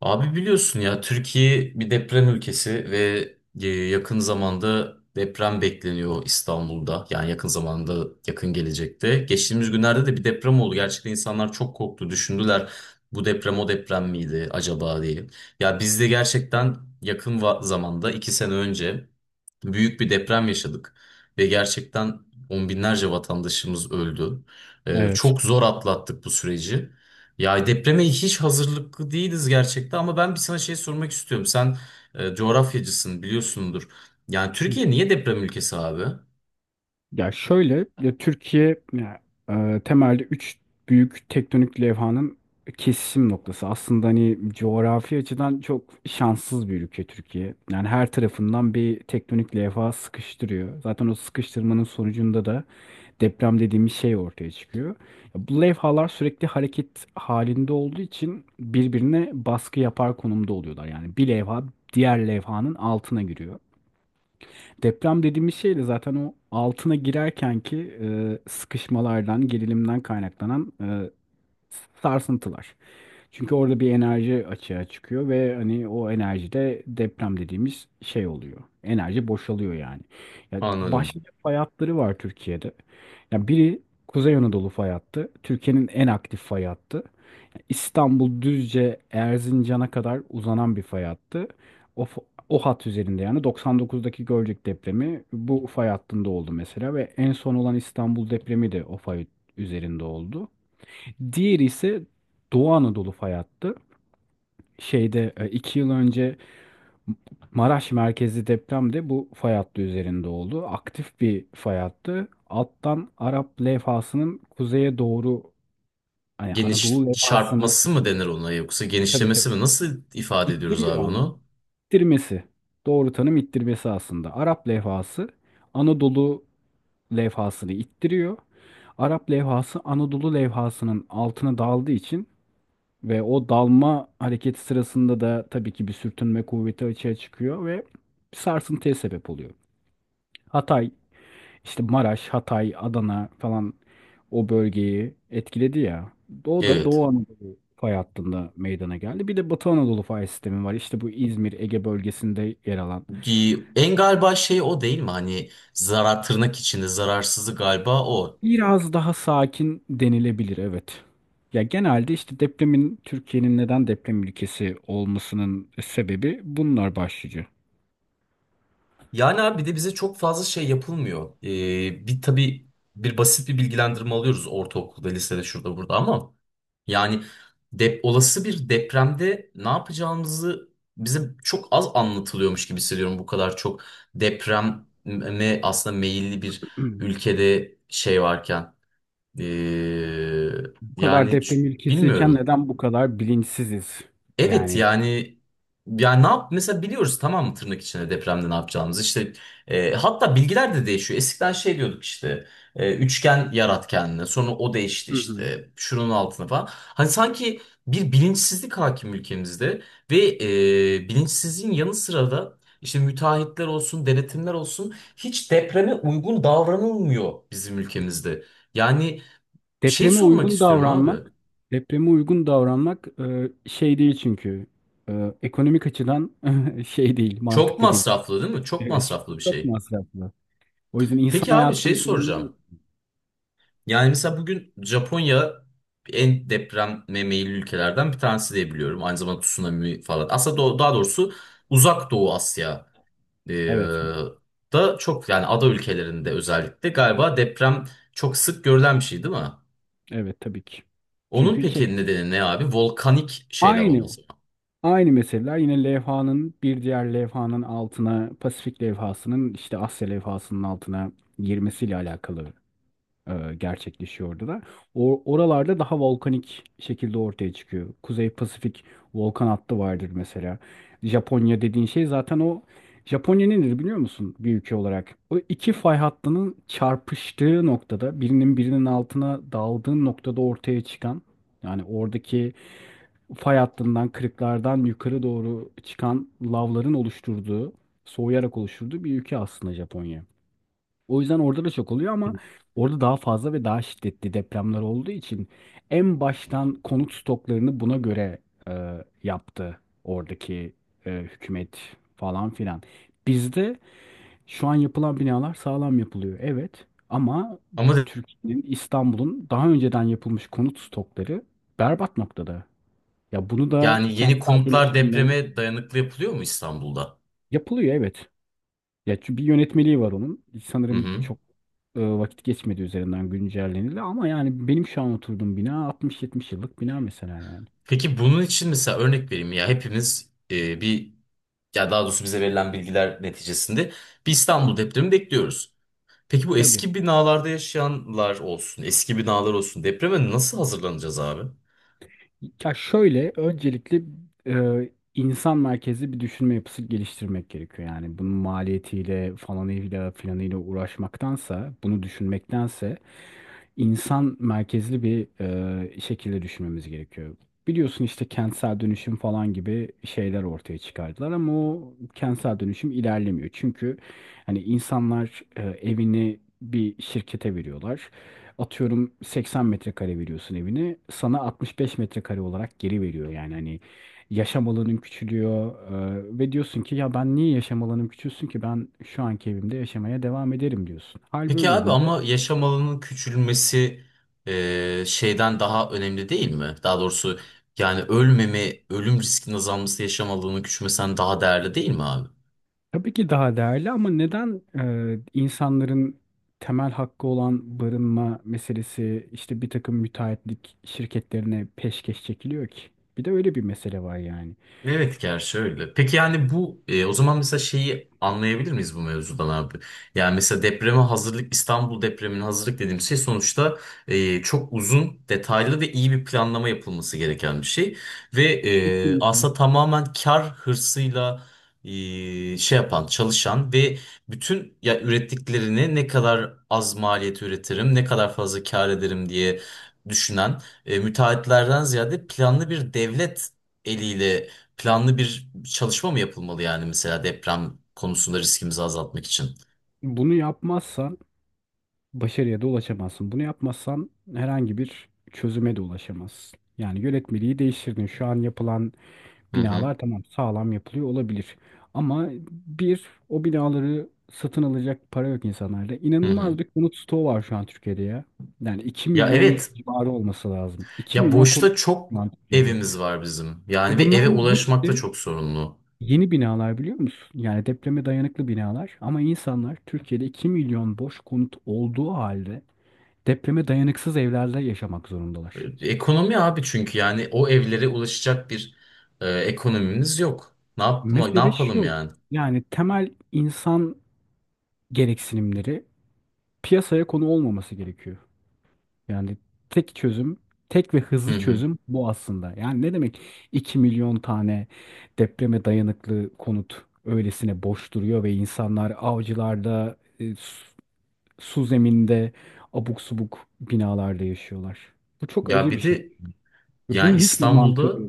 Abi biliyorsun ya, Türkiye bir deprem ülkesi ve yakın zamanda deprem bekleniyor İstanbul'da. Yani yakın zamanda, yakın gelecekte. Geçtiğimiz günlerde de bir deprem oldu. Gerçekten insanlar çok korktu, düşündüler. Bu deprem o deprem miydi acaba diye. Ya biz de gerçekten yakın zamanda, 2 sene önce büyük bir deprem yaşadık. Ve gerçekten on binlerce vatandaşımız öldü. Evet. Çok zor atlattık bu süreci. Ya depreme hiç hazırlıklı değiliz gerçekten, ama ben bir sana şey sormak istiyorum. Sen coğrafyacısın, biliyorsundur. Yani Türkiye niye deprem ülkesi abi? Ya şöyle ya Türkiye ya, temelde üç büyük tektonik levhanın kesişim noktası. Aslında hani coğrafi açıdan çok şanssız bir ülke Türkiye. Yani her tarafından bir tektonik levha sıkıştırıyor. Zaten o sıkıştırmanın sonucunda da deprem dediğimiz şey ortaya çıkıyor. Ya bu levhalar sürekli hareket halinde olduğu için birbirine baskı yapar konumda oluyorlar. Yani bir levha diğer levhanın altına giriyor. Deprem dediğimiz şey de zaten o altına girerken ki sıkışmalardan, gerilimden kaynaklanan sarsıntılar. Çünkü orada bir enerji açığa çıkıyor ve hani o enerji de deprem dediğimiz şey oluyor. Enerji boşalıyor yani. Ya Anladım. başlıca fay hatları var Türkiye'de. Ya biri Kuzey Anadolu fay hattı, Türkiye'nin en aktif fay hattı. İstanbul Düzce Erzincan'a kadar uzanan bir fay hattı. O, f- o hat üzerinde yani 99'daki Gölcük depremi bu fay hattında oldu mesela ve en son olan İstanbul depremi de o fay üzerinde oldu. Diğeri ise Doğu Anadolu fay hattı. Şeyde 2 yıl önce Maraş merkezli deprem de bu fay hattı üzerinde oldu. Aktif bir fay hattı. Alttan Arap levhasının kuzeye doğru hani Geniş Anadolu levhasını çarpması mı denir ona, yoksa tabii genişlemesi tabii mi? Nasıl ifade ediyoruz abi İttiriyor abi. onu? İttirmesi. Doğru tanım ittirmesi aslında. Arap levhası Anadolu levhasını ittiriyor. Arap levhası Anadolu levhasının altına daldığı için ve o dalma hareketi sırasında da tabii ki bir sürtünme kuvveti açığa çıkıyor ve bir sarsıntıya sebep oluyor. Hatay, işte Maraş, Hatay, Adana falan o bölgeyi etkiledi ya. O da Doğu Evet. Anadolu fay hattında meydana geldi. Bir de Batı Anadolu fay sistemi var. İşte bu İzmir, Ege bölgesinde yer alan. En galiba şey, o değil mi? Hani zarar tırnak içinde zararsızlık galiba o. Biraz daha sakin denilebilir, evet. Ya genelde işte depremin, Türkiye'nin neden deprem ülkesi olmasının sebebi bunlar başlıca. Yani abi, bir de bize çok fazla şey yapılmıyor. Bir tabii, bir basit bir bilgilendirme alıyoruz ortaokulda, lisede, şurada, burada, ama yani olası bir depremde ne yapacağımızı bize çok az anlatılıyormuş gibi hissediyorum. Bu kadar çok depreme aslında meyilli bir ülkede şey varken. Ee, Bu Yani kadar deprem ülkesiyken bilmiyorum. neden bu kadar bilinçsiziz? Evet Yani. yani ne yap mesela, biliyoruz tamam mı tırnak içinde depremde ne yapacağımızı, işte hatta bilgiler de değişiyor, eskiden şey diyorduk, işte üçgen yarat kendine, sonra o değişti, Hı hı. işte şunun altına falan. Hani sanki bir bilinçsizlik hakim ülkemizde ve bilinçsizliğin yanı sıra da işte müteahhitler olsun, denetimler olsun, hiç depreme uygun davranılmıyor bizim ülkemizde. Yani şey Depreme sormak uygun istiyorum abi, davranmak, depreme uygun davranmak şey değil çünkü. Ekonomik açıdan şey değil, çok mantıklı değil. masraflı değil mi, çok Evet. masraflı bir Çok şey. masraflı. O yüzden insan Peki abi, şey hayatının bir önemi yok. soracağım. Yani mesela bugün Japonya en depreme meyilli ülkelerden bir tanesi diye biliyorum. Aynı zamanda tsunami falan. Aslında daha doğrusu Uzak Doğu Asya e, Evet, da çok, yani ada ülkelerinde özellikle galiba deprem çok sık görülen bir şey, değil mi? evet tabii ki. Onun Çünkü şey, peki nedeni ne abi? Volkanik şeyler aynı olması mı? aynı meseleler yine levhanın bir diğer levhanın altına, Pasifik levhasının işte Asya levhasının altına girmesiyle alakalı gerçekleşiyordu da. O, oralarda daha volkanik şekilde ortaya çıkıyor. Kuzey Pasifik volkan hattı vardır mesela. Japonya dediğin şey zaten o. Japonya nedir biliyor musun bir ülke olarak? O iki fay hattının çarpıştığı noktada, birinin altına daldığı noktada ortaya çıkan, yani oradaki fay hattından, kırıklardan yukarı doğru çıkan lavların oluşturduğu, soğuyarak oluşturduğu bir ülke aslında Japonya. O yüzden orada da çok oluyor ama orada daha fazla ve daha şiddetli depremler olduğu için en baştan konut stoklarını buna göre e, yaptı oradaki hükümet falan filan. Bizde şu an yapılan binalar sağlam yapılıyor evet ama Ama Türkiye'nin, İstanbul'un daha önceden yapılmış konut stokları berbat noktada. Ya bunu da yani yeni kentsel konutlar dönüşümle depreme dayanıklı yapılıyor mu İstanbul'da? yapılıyor evet. Ya çünkü bir yönetmeliği var onun. Hı Sanırım hı. çok vakit geçmedi, üzerinden güncellenildi ama yani benim şu an oturduğum bina 60-70 yıllık bina mesela yani. Peki bunun için mesela, örnek vereyim, ya hepimiz bir, ya daha doğrusu bize verilen bilgiler neticesinde bir İstanbul depremi bekliyoruz. Peki bu Tabii. eski binalarda yaşayanlar olsun, eski binalar olsun depreme nasıl hazırlanacağız abi? Ya şöyle öncelikle insan merkezli bir düşünme yapısı geliştirmek gerekiyor. Yani bunun maliyetiyle falanıyla filanıyla uğraşmaktansa, bunu düşünmektense insan merkezli bir şekilde düşünmemiz gerekiyor. Biliyorsun işte kentsel dönüşüm falan gibi şeyler ortaya çıkardılar ama o kentsel dönüşüm ilerlemiyor. Çünkü hani insanlar evini bir şirkete veriyorlar. Atıyorum 80 metrekare veriyorsun evini. Sana 65 metrekare olarak geri veriyor. Yani hani yaşam alanın küçülüyor ve diyorsun ki ya ben niye yaşam alanım küçülsün ki, ben şu anki evimde yaşamaya devam ederim diyorsun. Hal Peki böyle abi, olunca ama yaşam alanının küçülmesi şeyden daha önemli değil mi? Daha doğrusu yani ölmeme, ölüm riskinin azalması yaşam alanının küçülmesinden daha değerli değil mi abi? tabii ki daha değerli ama neden insanların temel hakkı olan barınma meselesi işte bir takım müteahhitlik şirketlerine peşkeş çekiliyor ki? Bir de öyle bir mesele var yani. Evet, gerçi öyle. Peki yani bu o zaman mesela şeyi anlayabilir miyiz bu mevzudan abi? Yani mesela depreme hazırlık, İstanbul depremine hazırlık dediğim şey sonuçta çok uzun, detaylı ve iyi bir planlama yapılması gereken bir şey. Ve Kesinlikle. aslında tamamen kar hırsıyla e, şey yapan, çalışan ve bütün ya ürettiklerini ne kadar az maliyet üretirim, ne kadar fazla kar ederim diye düşünen müteahhitlerden ziyade, planlı bir devlet eliyle planlı bir çalışma mı yapılmalı yani, mesela deprem konusunda riskimizi azaltmak için? Bunu yapmazsan başarıya da ulaşamazsın. Bunu yapmazsan herhangi bir çözüme de ulaşamazsın. Yani yönetmeliği değiştirdin. Şu an yapılan Hı hı. binalar, tamam, sağlam yapılıyor olabilir. Ama bir o binaları satın alacak para yok insanlarda. Hı hı. İnanılmaz bir konut stoğu var şu an Türkiye'de ya. Yani iki Ya milyon evet. civarı olması lazım. 2 Ya milyon konut boşta şu çok an Türkiye'de. evimiz var bizim. Yani, Ve ve eve bunların ulaşmak da hepsi çok sorunlu. yeni binalar, biliyor musun? Yani depreme dayanıklı binalar. Ama insanlar Türkiye'de 2 milyon boş konut olduğu halde depreme dayanıksız evlerde yaşamak zorundalar. Ekonomi abi, çünkü yani o evlere ulaşacak bir ekonomimiz yok. Ne Mesele yapalım şu. yani? Yani temel insan gereksinimleri piyasaya konu olmaması gerekiyor. Yani tek çözüm, tek ve Hı hızlı hı. çözüm bu aslında. Yani ne demek 2 milyon tane depreme dayanıklı konut öylesine boş duruyor ve insanlar avcılarda, su, su zeminde, abuk subuk binalarda yaşıyorlar. Bu çok Ya acı bir bir şey. de Ve yani bunun hiçbir mantığı yok. İstanbul'da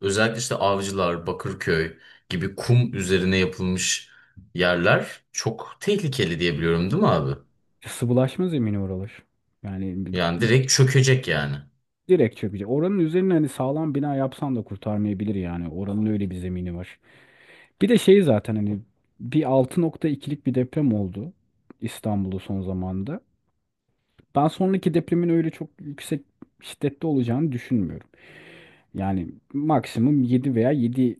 özellikle işte Avcılar, Bakırköy gibi kum üzerine yapılmış yerler çok tehlikeli diye biliyorum, değil mi abi? Sıvılaşma zemini oralar. Yani Yani direkt çökecek yani. direkt çökecek. Oranın üzerine hani sağlam bina yapsan da kurtarmayabilir yani. Oranın öyle bir zemini var. Bir de şey zaten hani bir 6,2'lik bir deprem oldu İstanbul'da son zamanda. Ben sonraki depremin öyle çok yüksek şiddette olacağını düşünmüyorum. Yani maksimum 7 veya yedi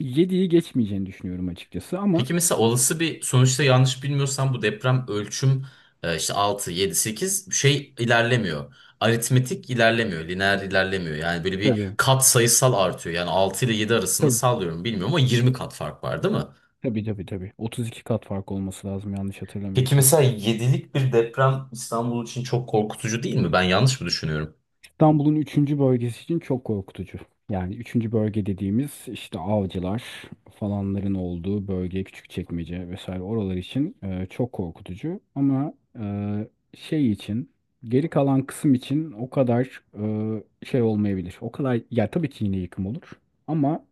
yediyi geçmeyeceğini düşünüyorum açıkçası ama. Peki mesela olası bir sonuçta, yanlış bilmiyorsam, bu deprem ölçüm işte 6 7 8 şey ilerlemiyor. Aritmetik ilerlemiyor, lineer ilerlemiyor. Yani böyle bir Tabii. kat sayısal artıyor. Yani 6 ile 7 arasında, Tabii sallıyorum bilmiyorum, ama 20 kat fark var değil mi? tabii tabii. Tabii. 32 kat fark olması lazım yanlış Peki hatırlamıyorsam. mesela 7'lik bir deprem İstanbul için çok korkutucu değil mi? Ben yanlış mı düşünüyorum? İstanbul'un üçüncü bölgesi için çok korkutucu. Yani üçüncü bölge dediğimiz işte Avcılar falanların olduğu bölge, Küçükçekmece vesaire, oralar için çok korkutucu. Ama e, şey için, geri kalan kısım için o kadar şey olmayabilir. O kadar, ya tabii ki yine yıkım olur. Ama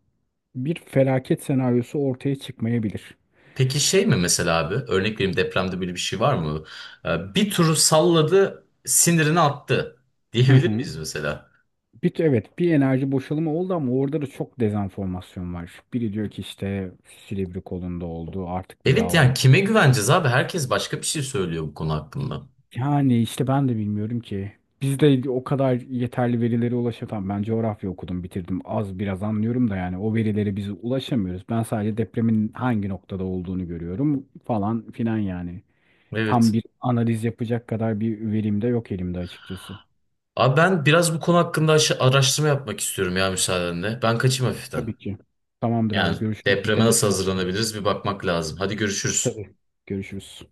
bir felaket senaryosu ortaya çıkmayabilir. Peki şey mi mesela abi? Örnek vereyim, depremde böyle bir şey var mı? Bir turu salladı, sinirini attı Hı diyebilir hı. miyiz mesela? Bir, evet, bir enerji boşalımı oldu ama orada da çok dezenformasyon var. Biri diyor ki işte Silivri kolunda oldu, artık bir Evet daha yani olmaz. kime güveneceğiz abi? Herkes başka bir şey söylüyor bu konu hakkında. Yani işte ben de bilmiyorum ki. Biz de o kadar yeterli verilere ulaşamam. Ben coğrafya okudum, bitirdim. Az biraz anlıyorum da yani o verilere biz ulaşamıyoruz. Ben sadece depremin hangi noktada olduğunu görüyorum falan filan yani. Tam Evet. bir analiz yapacak kadar bir verim de yok elimde açıkçası. Abi ben biraz bu konu hakkında araştırma yapmak istiyorum ya, müsaadenle. Ben kaçayım hafiften. Tabii ki. Tamamdır Yani abi, görüşürüz. depreme Dikkat et nasıl kendine. hazırlanabiliriz bir bakmak lazım. Hadi görüşürüz. Tabii. Görüşürüz.